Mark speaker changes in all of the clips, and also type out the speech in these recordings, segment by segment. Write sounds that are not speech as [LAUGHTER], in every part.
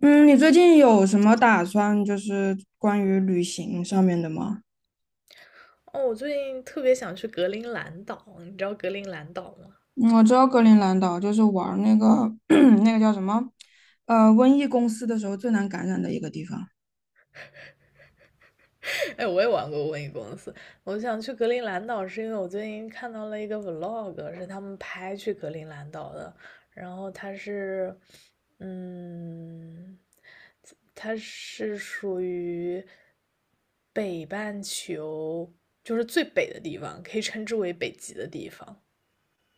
Speaker 1: 嗯，你最近有什么打算，就是关于旅行上面的吗？
Speaker 2: 哦，我最近特别想去格陵兰岛，你知道格陵兰岛吗？
Speaker 1: 嗯，我知道格陵兰岛就是玩儿那个 [CLEARS THROAT] 那个叫什么，瘟疫公司的时候最难感染的一个地方。
Speaker 2: [LAUGHS] 哎，我也玩过瘟疫公司。我想去格陵兰岛，是因为我最近看到了一个 vlog，是他们拍去格陵兰岛的。然后嗯，它是属于北半球，就是最北的地方，可以称之为北极的地方。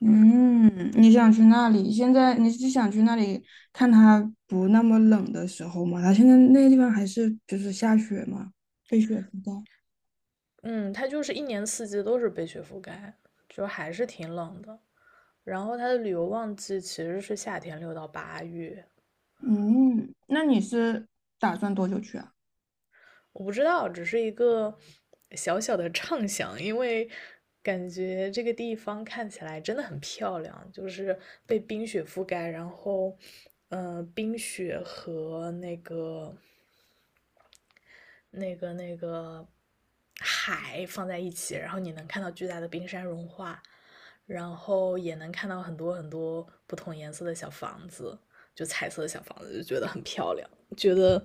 Speaker 1: 嗯，你想去那里？现在你是想去那里看它不那么冷的时候吗？它现在那个地方还是就是下雪嘛，被雪覆盖。
Speaker 2: 嗯，它就是一年四季都是被雪覆盖，就还是挺冷的。然后它的旅游旺季其实是夏天6到8月。
Speaker 1: 嗯，那你是打算多久去啊？
Speaker 2: 我不知道，只是一个小小的畅想，因为感觉这个地方看起来真的很漂亮，就是被冰雪覆盖，然后，冰雪和那个海放在一起，然后你能看到巨大的冰山融化，然后也能看到很多很多不同颜色的小房子，就彩色的小房子，就觉得很漂亮，觉得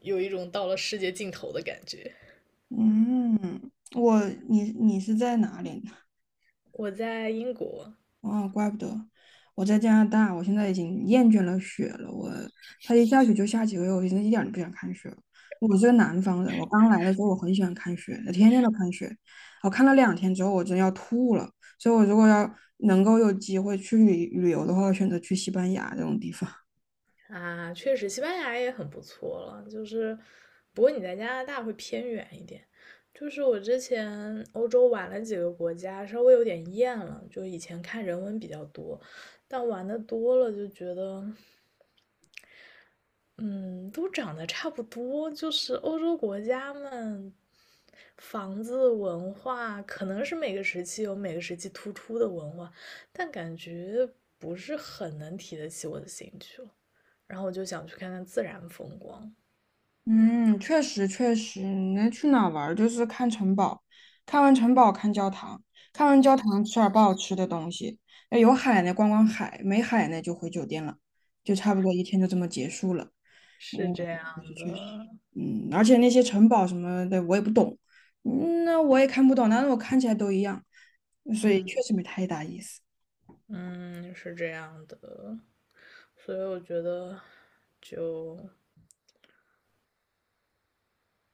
Speaker 2: 有一种到了世界尽头的感觉。
Speaker 1: 嗯，你是在哪里？
Speaker 2: 我在英国。
Speaker 1: 哦，怪不得。我在加拿大，我现在已经厌倦了雪了。它一下雪就下几个月，我现在一点儿都不想看雪了。我是个南方人，我刚来的时候我很喜欢看雪，天天都看雪。我看了两天之后，我真要吐了。所以，我如果要能够有机会去旅旅游的话，我选择去西班牙这种地方。
Speaker 2: 啊，确实，西班牙也很不错了。就是，不过你在加拿大会偏远一点。就是我之前欧洲玩了几个国家，稍微有点厌了。就以前看人文比较多，但玩的多了就觉得，嗯，都长得差不多。就是欧洲国家们，房子文化可能是每个时期有每个时期突出的文化，但感觉不是很能提得起我的兴趣了。然后我就想去看看自然风光。
Speaker 1: 嗯，确实确实，你能去哪儿玩儿就是看城堡，看完城堡看教堂，看完教堂吃点儿不好吃的东西，要有海呢逛逛海，没海呢就回酒店了，就差不多一天就这么结束了。嗯，
Speaker 2: 是这
Speaker 1: 确
Speaker 2: 样
Speaker 1: 实确实，
Speaker 2: 的，
Speaker 1: 嗯，而且那些城堡什么的我也不懂，嗯那我也看不懂，但是我看起来都一样，所以
Speaker 2: 嗯
Speaker 1: 确实没太大意思。
Speaker 2: 嗯，是这样的，所以我觉得就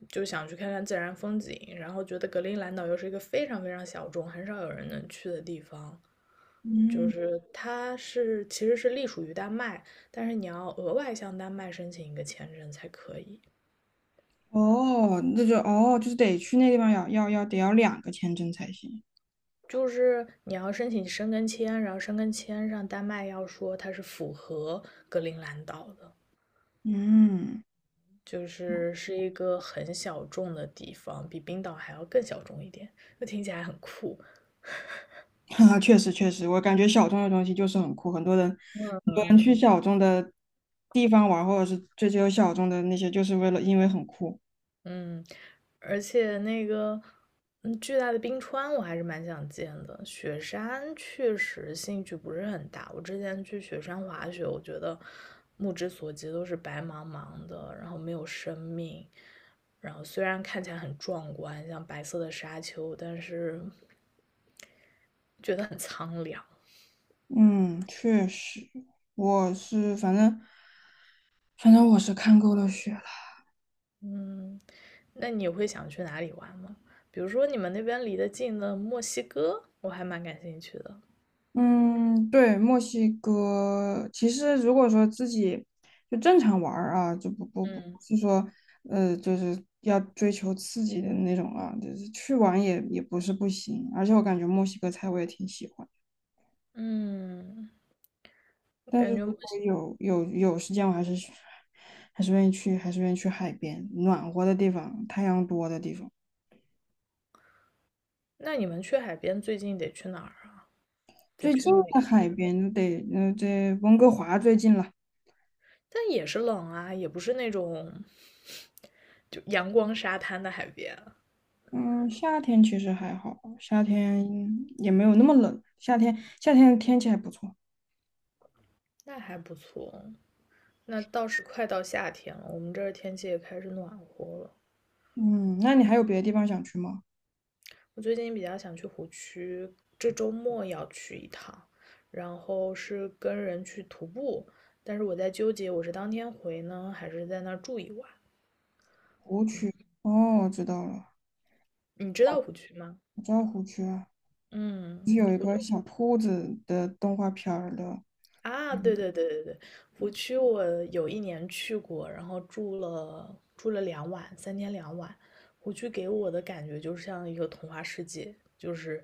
Speaker 2: 就想去看看自然风景，然后觉得格陵兰岛又是一个非常非常小众、很少有人能去的地方，就
Speaker 1: 嗯，
Speaker 2: 是它是其实是隶属于丹麦，但是你要额外向丹麦申请一个签证才可以。
Speaker 1: 哦，那就哦，就是得去那地方要要要得要两个签证才行。
Speaker 2: 就是你要申请申根签，然后申根签上丹麦要说它是符合格陵兰岛的，
Speaker 1: 嗯。
Speaker 2: 就是是一个很小众的地方，比冰岛还要更小众一点，就听起来很酷。
Speaker 1: [LAUGHS] 哈，确实确实，我感觉小众的东西就是很酷，很多人很
Speaker 2: 嗯，
Speaker 1: 多人去小众的地方玩，或者是追求小众的那些，就是为了因为很酷。
Speaker 2: 嗯，而且那个，巨大的冰川我还是蛮想见的。雪山确实兴趣不是很大。我之前去雪山滑雪，我觉得目之所及都是白茫茫的，然后没有生命，然后虽然看起来很壮观，像白色的沙丘，但是觉得很苍凉。
Speaker 1: 嗯，确实，我是反正，反正我是看够了雪了。
Speaker 2: 嗯，那你会想去哪里玩吗？比如说你们那边离得近的墨西哥，我还蛮感兴趣的。
Speaker 1: 嗯，对，墨西哥其实如果说自己就正常玩儿啊，就不不不
Speaker 2: 嗯
Speaker 1: 是说就是要追求刺激的那种啊，就是去玩也也不是不行，而且我感觉墨西哥菜我也挺喜欢。
Speaker 2: 嗯，
Speaker 1: 但是
Speaker 2: 感觉
Speaker 1: 如
Speaker 2: 墨
Speaker 1: 果
Speaker 2: 西，
Speaker 1: 有时间，我还是去，还是愿意去，还是愿意去海边，暖和的地方，太阳多的地方。
Speaker 2: 那你们去海边最近得去哪儿啊？得
Speaker 1: 最
Speaker 2: 去
Speaker 1: 近的
Speaker 2: 美
Speaker 1: 海
Speaker 2: 国。
Speaker 1: 边得，这温哥华最近了。
Speaker 2: 但也是冷啊，也不是那种就阳光沙滩的海边。
Speaker 1: 嗯，夏天其实还好，夏天也没有那么冷，夏天天气还不错。
Speaker 2: 那还不错。那倒是快到夏天了，我们这儿天气也开始暖和了。
Speaker 1: 嗯，那你还有别的地方想去吗？
Speaker 2: 我最近比较想去湖区，这周末要去一趟，然后是跟人去徒步，但是我在纠结我是当天回呢，还是在那儿住一晚。
Speaker 1: 哦，我知道了，
Speaker 2: 你知道湖区吗？
Speaker 1: 我知道湖区啊，
Speaker 2: 嗯，
Speaker 1: 是有一
Speaker 2: 湖区
Speaker 1: 个小兔子的动画片儿的。
Speaker 2: 啊，对
Speaker 1: 嗯，
Speaker 2: 对对对对，湖区我有一年去过，然后住了两晚，三天两晚。湖区给我的感觉就像一个童话世界，就是，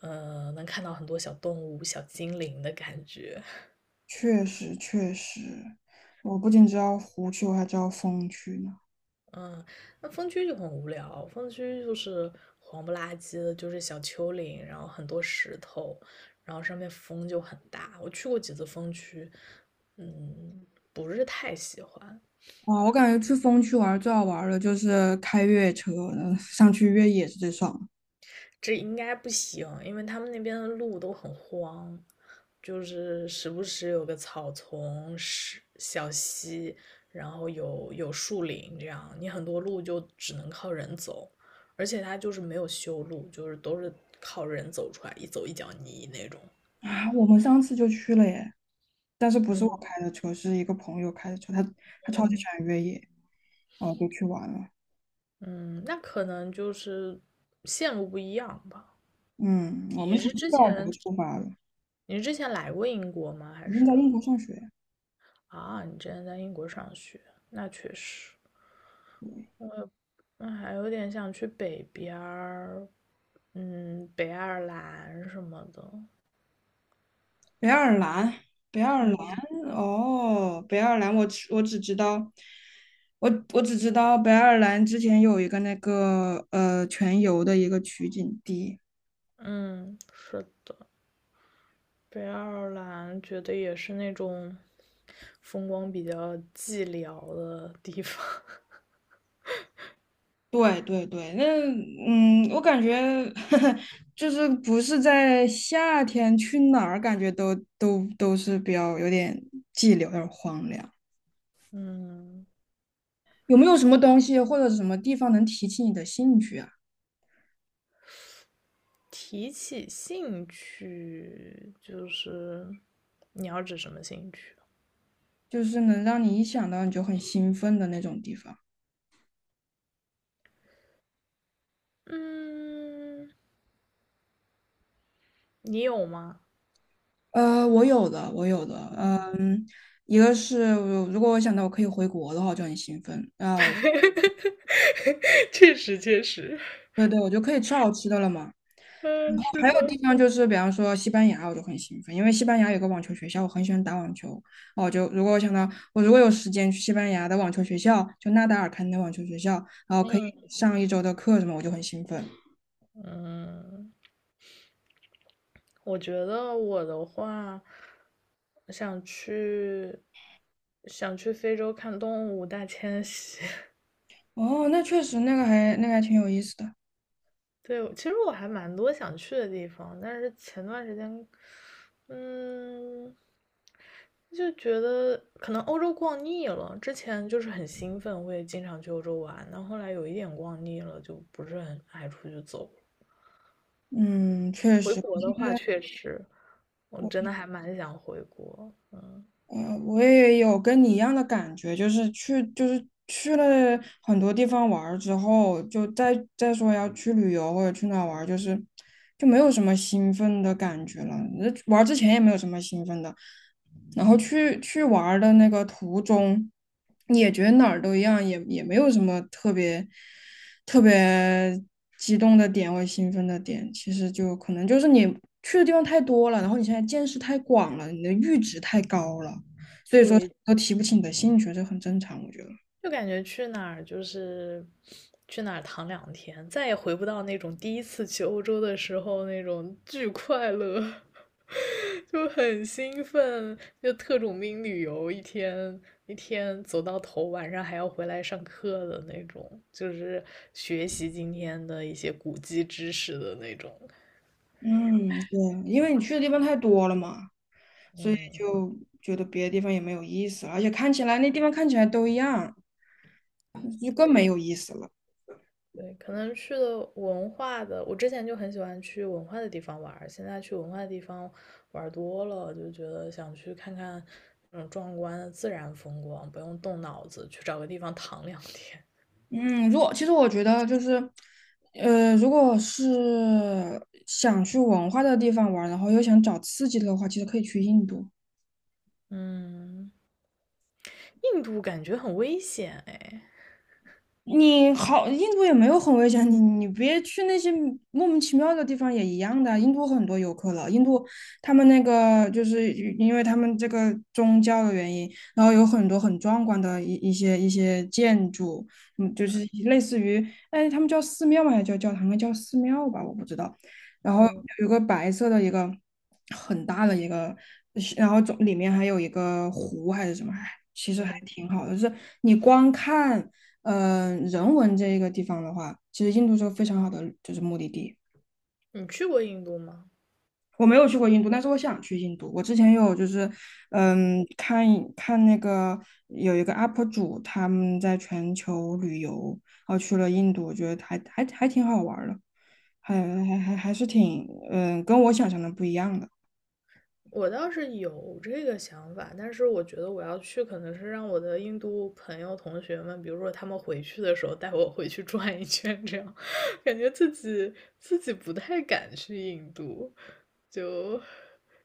Speaker 2: 能看到很多小动物、小精灵的感觉。
Speaker 1: 确实确实，我不仅知道湖区，我还知道风区呢。
Speaker 2: 嗯，那风区就很无聊，风区就是黄不拉几的，就是小丘陵，然后很多石头，然后上面风就很大。我去过几次风区，嗯，不是太喜欢。
Speaker 1: 哇，我感觉去风区玩最好玩的就是开越野车，嗯，上去越野是最爽的。
Speaker 2: 这应该不行，因为他们那边的路都很荒，就是时不时有个草丛、是小溪，然后有树林，这样你很多路就只能靠人走，而且它就是没有修路，就是都是靠人走出来，一走一脚泥那种。
Speaker 1: 啊！我们上次就去了耶，但是不是我
Speaker 2: 嗯
Speaker 1: 开的车，是一个朋友开的车，他超级喜
Speaker 2: 嗯
Speaker 1: 欢越野，然后就去玩了。
Speaker 2: 嗯，那可能就是线路不一样吧。
Speaker 1: 嗯，我
Speaker 2: 你
Speaker 1: 们从
Speaker 2: 是
Speaker 1: 贝
Speaker 2: 之
Speaker 1: 尔德
Speaker 2: 前
Speaker 1: 出发了，
Speaker 2: 你是之前来过英国吗？还
Speaker 1: 已经在
Speaker 2: 是
Speaker 1: 英国上学。
Speaker 2: 啊，你之前在英国上学？那确实。
Speaker 1: 对。
Speaker 2: 那还有点想去北边儿，北爱尔兰什么的。
Speaker 1: 北爱尔兰，北爱尔兰，
Speaker 2: 嗯
Speaker 1: 哦，北爱尔兰，我只知道，我只知道北爱尔兰之前有一个那个全游的一个取景地。
Speaker 2: 嗯，是的，北爱尔兰觉得也是那种风光比较寂寥的地方。[LAUGHS]
Speaker 1: 对对对，那嗯，我感觉 [LAUGHS] 就是不是在夏天去哪儿，感觉都是比较有点寂寥，有点荒凉。
Speaker 2: 嗯，
Speaker 1: 有没有什么东西或者什么地方能提起你的兴趣啊？
Speaker 2: 提起兴趣，就是你要指什么兴趣？
Speaker 1: 就是能让你一想到你就很兴奋的那种地方。
Speaker 2: 嗯，你有吗？
Speaker 1: 我有的，
Speaker 2: 嗯，
Speaker 1: 一个是我如果我想到我可以回国的话，我就很兴奋。然后
Speaker 2: [LAUGHS] 确实确实，[LAUGHS]
Speaker 1: 对对，我就可以吃好吃的了嘛。
Speaker 2: 嗯，是
Speaker 1: 还有地
Speaker 2: 的，
Speaker 1: 方就是，比方说西班牙，我就很兴奋，因为西班牙有个网球学校，我很喜欢打网球。哦，就如果我想到我如果有时间去西班牙的网球学校，就纳达尔开的那网球学校，然后可以
Speaker 2: 嗯
Speaker 1: 上一周的课什么，我就很兴奋。
Speaker 2: 嗯。我觉得我的话，想去想去非洲看动物大迁徙。[LAUGHS]
Speaker 1: 哦，那确实那个还那个还挺有意思的。
Speaker 2: 对，其实我还蛮多想去的地方，但是前段时间，嗯，就觉得可能欧洲逛腻了。之前就是很兴奋，会经常去欧洲玩，但后来有一点逛腻了，就不是很爱出去走。
Speaker 1: 嗯，确
Speaker 2: 回
Speaker 1: 实，
Speaker 2: 国的话，
Speaker 1: 现
Speaker 2: 确实，我真的
Speaker 1: 我。
Speaker 2: 还蛮想回国。嗯，
Speaker 1: 我也有跟你一样的感觉，就是去，就是去了很多地方玩儿之后，就再说要去旅游或者去哪儿玩儿，就是就没有什么兴奋的感觉了。那玩儿之前也没有什么兴奋的，然后去玩儿的那个途中，也觉得哪儿都一样，也也没有什么特别激动的点或兴奋的点。其实就可能就是你去的地方太多了，然后你现在见识太广了，你的阈值太高了。所以说
Speaker 2: 对，
Speaker 1: 都提不起你的兴趣，这很正常，我觉得。
Speaker 2: 就感觉去哪儿就是去哪儿躺两天，再也回不到那种第一次去欧洲的时候那种巨快乐，[LAUGHS] 就很兴奋，就特种兵旅游一天一天走到头，晚上还要回来上课的那种，就是学习今天的一些古籍知识的那种。
Speaker 1: 嗯，对，因为你去的地方太多了嘛，所以
Speaker 2: 嗯，
Speaker 1: 就觉得别的地方也没有意思了，而且看起来那地方看起来都一样，就更没
Speaker 2: 对，
Speaker 1: 有意思了。
Speaker 2: 对，可能去了文化的，我之前就很喜欢去文化的地方玩儿现在去文化的地方玩儿多了，就觉得想去看看那种壮观的自然风光，不用动脑子，去找个地方躺两天。
Speaker 1: 嗯，如果其实我觉得就是，如果是想去文化的地方玩然后又想找刺激的话，其实可以去印度。
Speaker 2: 嗯，印度感觉很危险哎。
Speaker 1: 你好，印度也没有很危险，你别去那些莫名其妙的地方也一样的。印度很多游客了，印度他们那个就是因为他们这个宗教的原因，然后有很多很壮观的一些建筑，嗯，就是类似于，哎，他们叫寺庙吗？还是叫教堂？应该叫寺庙吧，我不知道。然后
Speaker 2: 嗯
Speaker 1: 有个白色的一个很大的一个，然后总里面还有一个湖还是什么，哎，其实还
Speaker 2: 嗯，
Speaker 1: 挺好的，就是你光看。嗯、人文这个地方的话，其实印度是个非常好的就是目的地。
Speaker 2: 你去过印度吗？
Speaker 1: 我没有去过印度，但是我想去印度。我之前有就是，嗯，看那个有一个 UP 主他们在全球旅游，然后去了印度，我觉得还挺好玩儿的，还是挺跟我想象的不一样的。
Speaker 2: 我倒是有这个想法，但是我觉得我要去，可能是让我的印度朋友同学们，比如说他们回去的时候带我回去转一圈，这样 [LAUGHS] 感觉自己不太敢去印度，就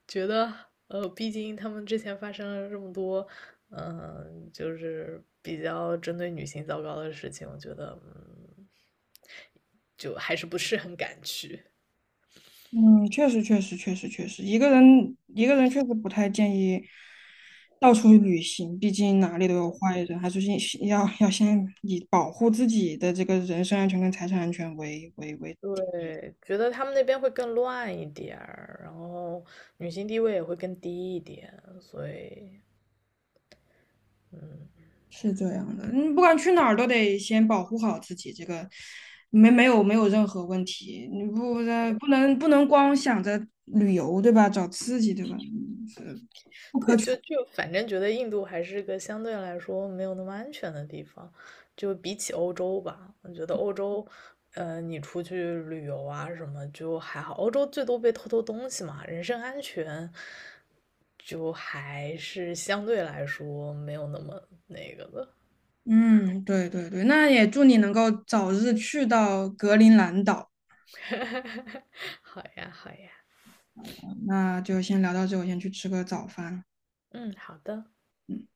Speaker 2: 觉得毕竟他们之前发生了这么多，就是比较针对女性糟糕的事情，我觉得就还是不是很敢去。
Speaker 1: 嗯，确实，确实，确实，确实，一个人确实不太建议到处旅行，毕竟哪里都有坏人，还是先要先以保护自己的这个人身安全跟财产安全为，
Speaker 2: 对，觉得他们那边会更乱一点儿，然后女性地位也会更低一点，所以，嗯，
Speaker 1: 是这样的。你不管去哪儿都得先保护好自己，这个没有任何问题。你不能光想着旅游，对吧？找刺激，对吧？嗯，是不可
Speaker 2: 对，
Speaker 1: 取。
Speaker 2: 就反正觉得印度还是个相对来说没有那么安全的地方，就比起欧洲吧，我觉得欧洲，你出去旅游啊什么就还好，欧洲最多被偷偷东西嘛，人身安全就还是相对来说没有那么那个的。
Speaker 1: 嗯，对对对，那也祝你能够早日去到格陵兰岛。
Speaker 2: [LAUGHS] 好呀，好呀，
Speaker 1: 那就先聊到这，我先去吃个早饭。
Speaker 2: 嗯，好的。
Speaker 1: 嗯。